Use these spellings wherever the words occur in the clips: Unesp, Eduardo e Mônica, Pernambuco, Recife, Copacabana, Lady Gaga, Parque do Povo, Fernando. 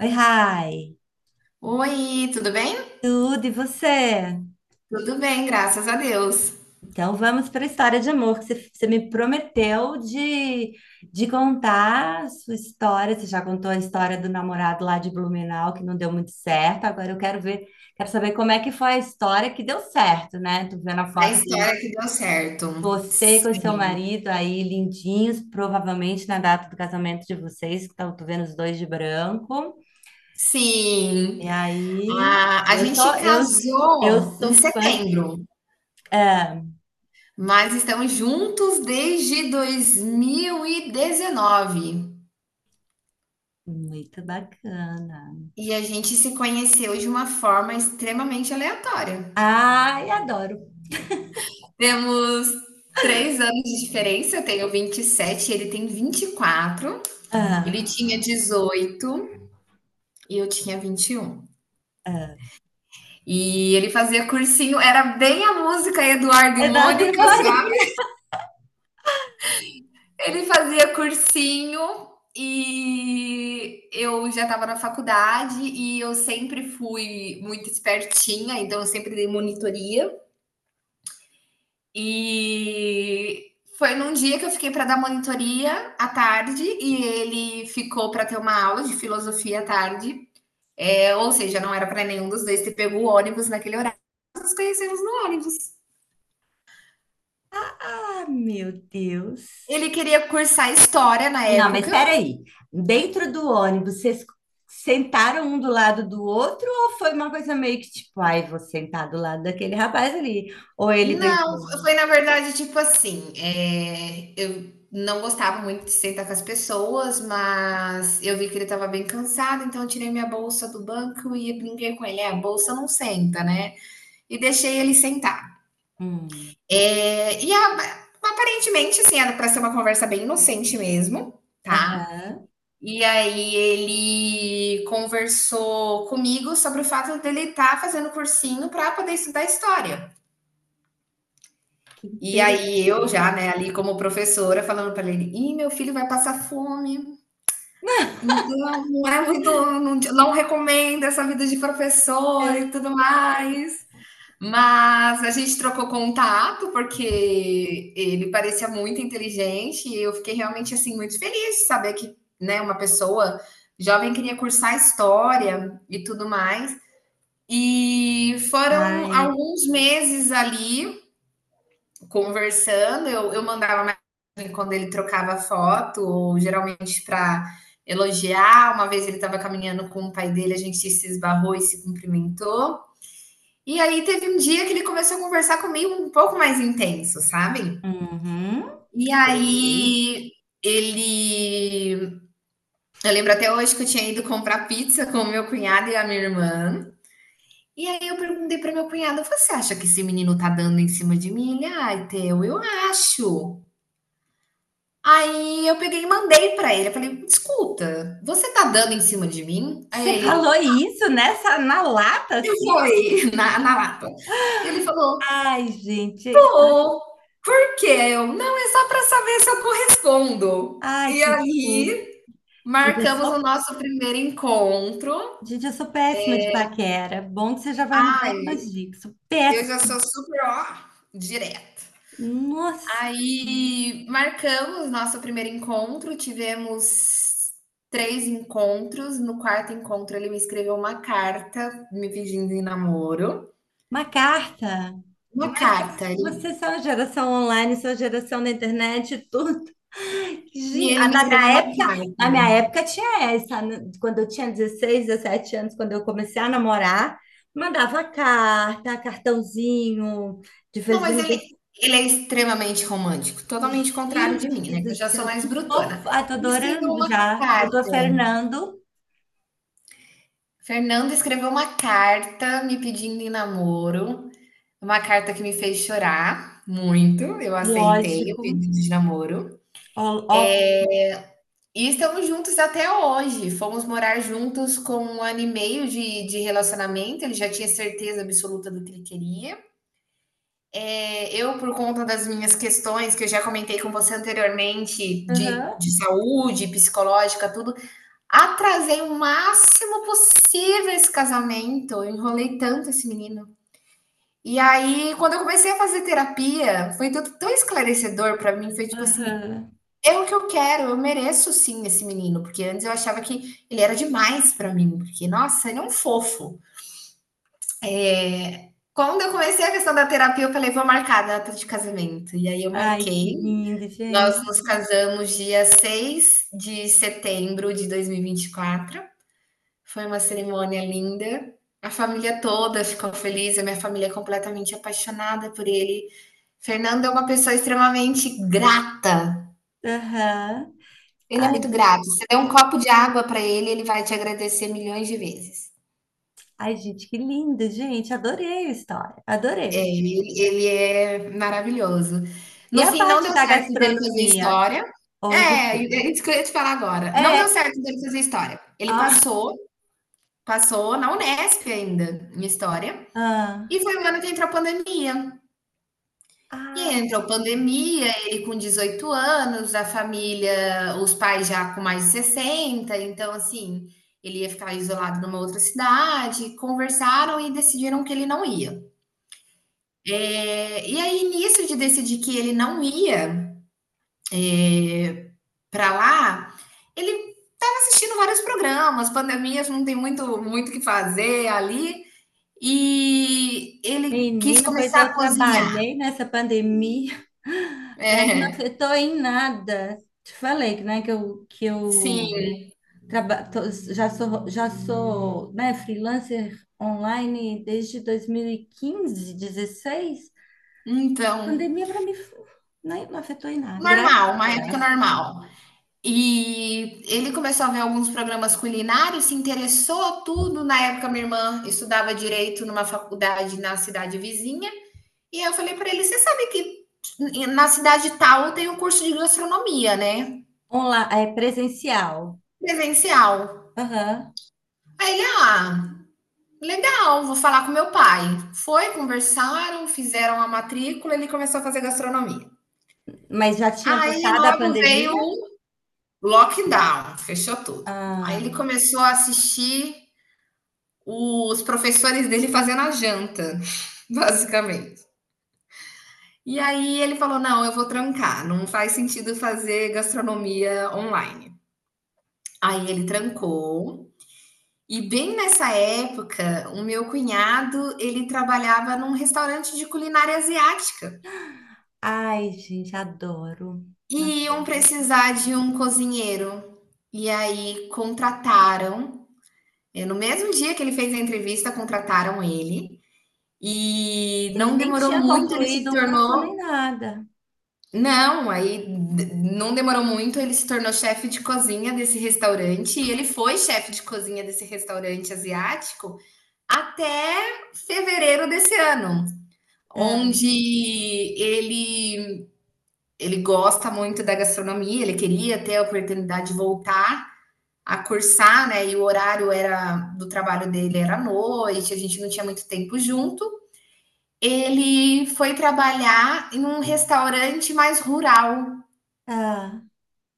Oi, Rai. Oi, tudo bem? Tudo e você? Tudo bem, graças a Deus. Então vamos para a história de amor que você me prometeu de contar a sua história. Você já contou a história do namorado lá de Blumenau que não deu muito certo. Agora eu quero ver, quero saber como é que foi a história que deu certo, né? Tô vendo a A foto de história que deu certo. você com seu Sim, marido aí lindinhos, provavelmente na data do casamento de vocês, que estão tô vendo os dois de branco. sim. E aí, Ah, a eu gente sou eu eu casou sou em fã de, setembro, é, mas estamos juntos desde 2019. E dezenove. Muito bacana. E a gente se conheceu de uma forma extremamente aleatória. Ai, adoro. Temos 3 anos de diferença, eu tenho 27, ele tem 24, ele Ah, tinha 18 e eu tinha 21. E ele fazia cursinho, era bem a música Eduardo e é da Mônica, sabe? Mônica. Ele fazia cursinho e eu já estava na faculdade e eu sempre fui muito espertinha, então eu sempre dei monitoria. E foi num dia que eu fiquei para dar monitoria à tarde e ele ficou para ter uma aula de filosofia à tarde. É, ou seja, não era para nenhum dos dois ter pego o ônibus naquele horário, nos conhecemos no ônibus. Ah, meu Deus. Ele queria cursar história na Não, mas época. espera aí. Dentro do ônibus, vocês sentaram um do lado do outro ou foi uma coisa meio que tipo, ai, vou sentar do lado daquele rapaz ali? Ou ele Não, pensou, foi na verdade tipo assim, eu não gostava muito de sentar com as pessoas, mas eu vi que ele estava bem cansado, então eu tirei minha bolsa do banco e brinquei com ele. É, a bolsa não senta, né? E deixei ele sentar. hum, Aparentemente, assim, era para ser uma conversa bem inocente mesmo, tá? aham, E aí ele conversou comigo sobre o fato dele estar fazendo cursinho para poder estudar história. que E interessante. aí eu já, né, ali como professora, falando para ele: "Ih, meu filho vai passar fome, então não é muito não recomendo essa vida de professor e É. tudo mais". Mas a gente trocou contato, porque ele parecia muito inteligente e eu fiquei realmente, assim, muito feliz de saber que, né, uma pessoa jovem queria cursar história e tudo mais. E foram Ai, alguns meses ali conversando, eu mandava mensagem quando ele trocava foto, ou geralmente para elogiar. Uma vez ele estava caminhando com o pai dele, a gente se esbarrou e se cumprimentou. E aí teve um dia que ele começou a conversar comigo um pouco mais intenso, sabe? uhum, E sei. aí ele. Eu lembro até hoje que eu tinha ido comprar pizza com o meu cunhado e a minha irmã. E aí eu perguntei para meu cunhado: você acha que esse menino tá dando em cima de mim? Ele, ai, Teu, eu acho. Aí eu peguei e mandei pra ele, eu falei: "Escuta, você tá dando em cima de mim?" Aí Você falou ele: isso nessa na lata eu assim? fui Na lata. E Ele falou: Ai, gente. "Tô. Por quê?" Aí eu: "Não, é só pra saber se eu correspondo". Ai, E que fofo. aí, Gente, eu marcamos o sou, nosso primeiro encontro. gente, eu sou péssima de paquera. Bom que você já vai me dando Ai, umas dicas. Sou eu já péssima. sou super, ó, direto. Nossa, Aí marcamos nosso primeiro encontro, tivemos três encontros. No quarto encontro, ele me escreveu uma carta me pedindo em namoro. uma carta. Uma carta, ele- Vocês são a geração online, são a geração da internet, e tudo. E A ele me da escreveu minha uma época, Na carta. minha época tinha essa, né? Quando eu tinha 16, 17 anos, quando eu comecei a namorar, mandava carta, cartãozinho de Não, feliz. mas ele é extremamente romântico, totalmente contrário de mim, Gente né? Que do eu já sou céu, mais que brutona. fofo. Ai, tô Ele escreveu adorando uma já. Doutor carta. Fernando, Fernando escreveu uma carta me pedindo em namoro, uma carta que me fez chorar muito. Eu aceitei o lógico. pedido de namoro. Ó, ó. E estamos juntos até hoje. Fomos morar juntos com um ano e meio de relacionamento, ele já tinha certeza absoluta do que ele queria. Eu, por conta das minhas questões que eu já comentei com você anteriormente, de Aham, saúde, psicológica, tudo, atrasei o máximo possível esse casamento, eu enrolei tanto esse menino. E aí, quando eu comecei a fazer terapia, foi tudo tão esclarecedor para mim, foi tipo assim: aham. é o que eu quero, eu mereço sim esse menino, porque antes eu achava que ele era demais pra mim, porque, nossa, ele é um fofo. Quando eu comecei a questão da terapia, eu falei: "Vou marcar a data de casamento". E aí eu Ai, que marquei, lindo, nós gente. nos casamos dia 6 de setembro de dois mil e vinte e quatro. Foi uma cerimônia linda, a família toda ficou feliz, a minha família é completamente apaixonada por ele. Fernando é uma pessoa extremamente grata. Aham. Ele é Ai, muito gente, grato. Você dá um tô. copo de água para ele, ele vai te agradecer milhões de vezes. Ai, gente, que lindo, gente. Adorei a história, É, adorei. Ele é maravilhoso. E No a fim, não parte deu da certo dele fazer gastronomia? história. Oi, É, desculpa. é isso que eu ia te falar agora. Não deu É. certo dele fazer história. Ah, Passou na Unesp ainda, em história, ah, e foi o ano que entrou a pandemia. E ah. entrou pandemia, ele com 18 anos, a família, os pais já com mais de 60, então assim, ele ia ficar isolado numa outra cidade, conversaram e decidiram que ele não ia. E aí nisso de decidir que ele não ia, eh, pra lá, ele estava assistindo vários programas, pandemias não tem muito que fazer ali, e ele quis Menina, pois começar eu a cozinhar. trabalhei nessa pandemia para mim não É, afetou em nada. Te falei, né, que eu sim, já sou, né, freelancer online desde 2015, 16. então. Pandemia para mim né, não afetou em nada. Graças, Normal, uma época graças. normal. E ele começou a ver alguns programas culinários, se interessou tudo. Na época, minha irmã estudava direito numa faculdade na cidade vizinha. E eu falei para ele: você sabe que na cidade tal tem um curso de gastronomia, né? É presencial. Presencial. Aham. Aí ele, ah, legal, vou falar com meu pai. Foi, conversaram, fizeram a matrícula, ele começou a fazer gastronomia. Mas já tinha Aí passado a logo veio pandemia? Lockdown, fechou tudo. Aí Ah, ele começou a assistir os professores dele fazendo a janta, basicamente. E aí ele falou: não, eu vou trancar, não faz sentido fazer gastronomia online. Aí ele trancou. E bem nessa época, o meu cunhado, ele trabalhava num restaurante de culinária asiática. ai, gente, adoro. E Adoro. iam precisar de um cozinheiro. E aí contrataram É, no mesmo dia que ele fez a entrevista, contrataram ele. E Ele não nem demorou tinha muito, ele se concluído o curso nem tornou. nada. Não, não demorou muito, ele se tornou chefe de cozinha desse restaurante. E ele foi chefe de cozinha desse restaurante asiático até fevereiro desse ano, onde ele, ele gosta muito da gastronomia, ele queria ter a oportunidade de voltar a cursar, né? E o horário era do trabalho dele era à noite, a gente não tinha muito tempo junto. Ele foi trabalhar em um restaurante mais rural, Ah,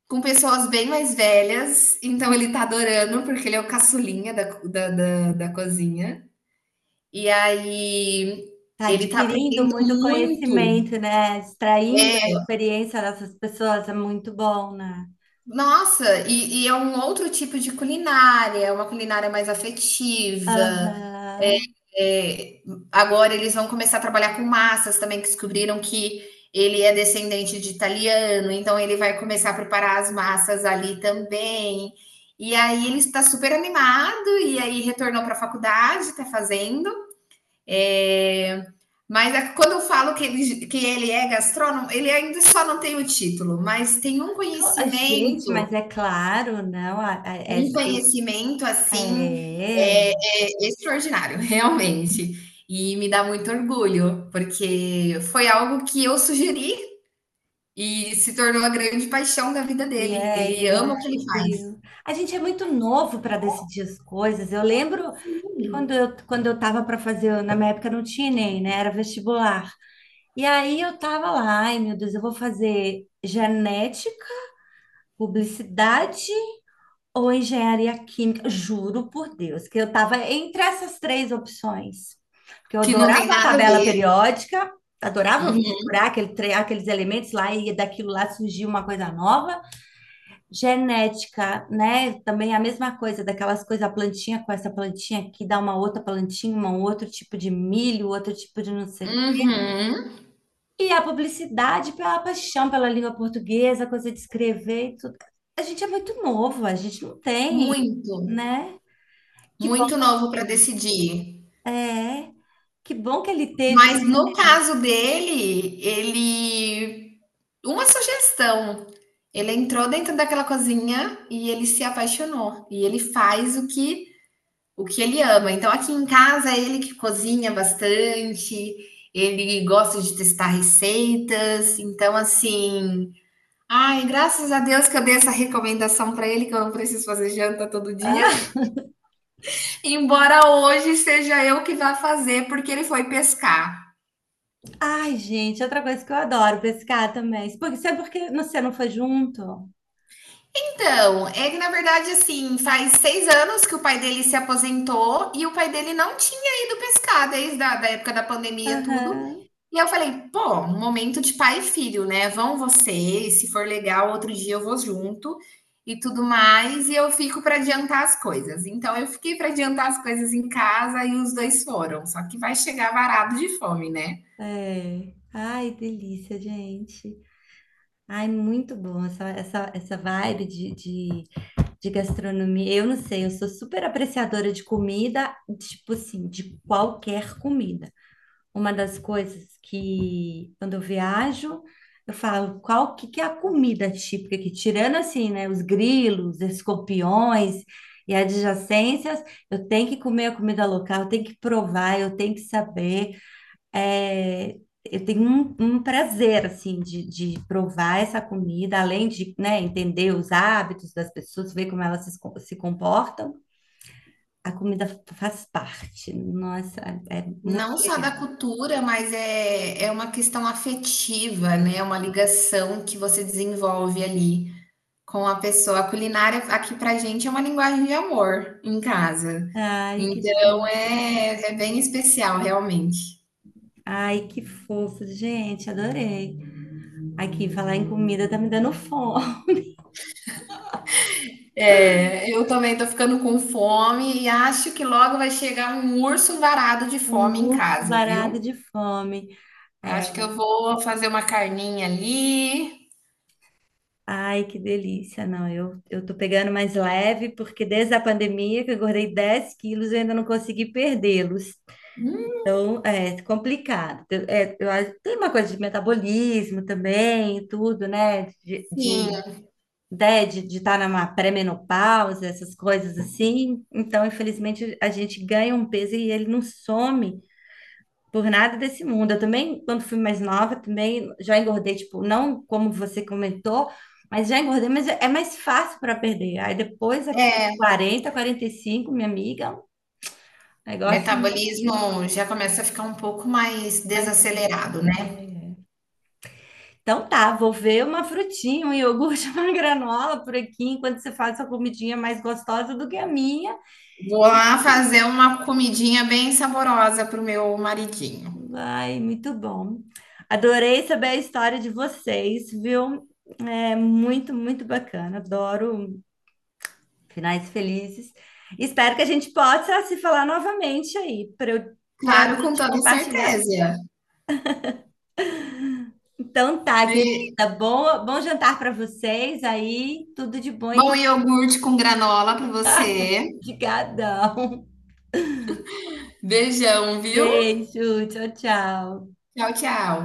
com pessoas bem mais velhas. Então ele tá adorando, porque ele é o caçulinha da cozinha. E aí ele tá adquirindo aprendendo muito muito. conhecimento, né? Extraindo a É, experiência dessas pessoas é muito bom, né? nossa, e é um outro tipo de culinária, é uma culinária mais afetiva. Aham. É, agora eles vão começar a trabalhar com massas também, que descobriram que ele é descendente de italiano, então ele vai começar a preparar as massas ali também. E aí ele está super animado, e aí retornou para a faculdade, está fazendo. É, mas é, quando eu falo que ele é gastrônomo, ele ainda só não tem o título, mas tem Gente, mas é claro, não. Um conhecimento, assim, é, eh, é extraordinário, realmente. E me dá muito orgulho, porque foi algo que eu sugeri e se tornou a grande paixão da vida e dele. aí Ele ele ama o que ele faz. descobriu. A gente é muito novo para decidir as coisas. Eu lembro que Sim. quando eu estava para fazer, na minha época não tinha nem, né? Era vestibular. E aí eu tava lá, ai meu Deus, eu vou fazer genética, publicidade ou engenharia química. Juro por Deus, que eu tava entre essas três opções. Porque eu Que não adorava tem a nada a tabela ver. periódica, adorava Uhum. misturar aqueles elementos lá e daquilo lá surgiu uma coisa nova. Genética, né? Também é a mesma coisa, daquelas coisas, a plantinha com essa plantinha aqui dá uma outra plantinha, um outro tipo de milho, outro tipo de não sei. Uhum. E a publicidade pela paixão pela língua portuguesa, coisa de escrever e tudo. A gente é muito novo, a gente não tem, Muito, né? Que bom muito novo que para ele decidir. é, que bom que ele teve. Mas no caso dele, ele. Uma sugestão. Ele entrou dentro daquela cozinha e ele se apaixonou. E ele faz o que ele ama. Então aqui em casa é ele que cozinha bastante, ele gosta de testar receitas. Então assim, ai, graças a Deus que eu dei essa recomendação para ele que eu não preciso fazer janta todo dia, Ah, embora hoje seja eu que vá fazer porque ele foi pescar. ai, gente, outra coisa que eu adoro pescar também. Porque, sabe por que você não foi junto? Então, é que na verdade, assim, faz 6 anos que o pai dele se aposentou e o pai dele não tinha ido pescar desde a da época da pandemia, tudo. Aham, E eu falei, pô, um momento de pai e filho, né? Vão vocês, se for legal, outro dia eu vou junto e tudo mais. E eu fico para adiantar as coisas. Então, eu fiquei para adiantar as coisas em casa e os dois foram. Só que vai chegar varado de fome, né? é. Ai, delícia, gente. Ai, muito bom essa vibe de gastronomia. Eu não sei, eu sou super apreciadora de comida, tipo assim, de qualquer comida. Uma das coisas que quando eu viajo, eu falo, qual que é a comida típica que tirando assim, né, os grilos, escorpiões e adjacências, eu tenho que comer a comida local, eu tenho que provar, eu tenho que saber, é, eu tenho um prazer, assim, de provar essa comida, além de, né, entender os hábitos das pessoas, ver como elas se comportam. A comida faz parte. Nossa, é muito Não só da legal. cultura, mas é, é uma questão afetiva, né? É uma É. ligação que você desenvolve ali com a pessoa. A culinária aqui pra gente é uma linguagem de amor em casa. Ai, que Então fofo. é, é bem especial, realmente. Ai, que fofo, gente, adorei. Aqui, falar em comida tá me dando fome. É, eu também tô ficando com fome e acho que logo vai chegar um urso varado de fome Um em urso casa, varado viu? de fome. É. Acho que eu vou fazer uma carninha ali. Ai, que delícia. Não, eu tô pegando mais leve, porque desde a pandemia que eu engordei 10 quilos, eu ainda não consegui perdê-los. Hum, Então, é complicado. É, tem uma coisa de metabolismo também, e tudo, né? De, sim, né, de estar numa pré-menopausa, essas coisas assim. Então, infelizmente, a gente ganha um peso e ele não some. Por nada desse mundo. Eu também, quando fui mais nova, também já engordei, tipo, não como você comentou, mas já engordei, mas é mais fácil para perder. Aí depois, a é. 40, 45, minha amiga, o negócio não Metabolismo já começa a ficar um pouco mais é mais. desacelerado, né? É. Então tá, vou ver uma frutinha, um iogurte, uma granola por aqui, enquanto você faz sua comidinha mais gostosa do que a minha. Vou lá fazer uma comidinha bem saborosa para o meu maridinho. Vai, muito bom. Adorei saber a história de vocês, viu? É muito, muito bacana. Adoro finais felizes. Espero que a gente possa se falar novamente aí, para a Claro, com gente toda compartilhar. certeza. Então tá, querida, Be- bom jantar para vocês aí, tudo de bom Bom e iogurte com granola para você. de gadão. Beijão, viu? Beijo, tchau, tchau. Tchau, tchau.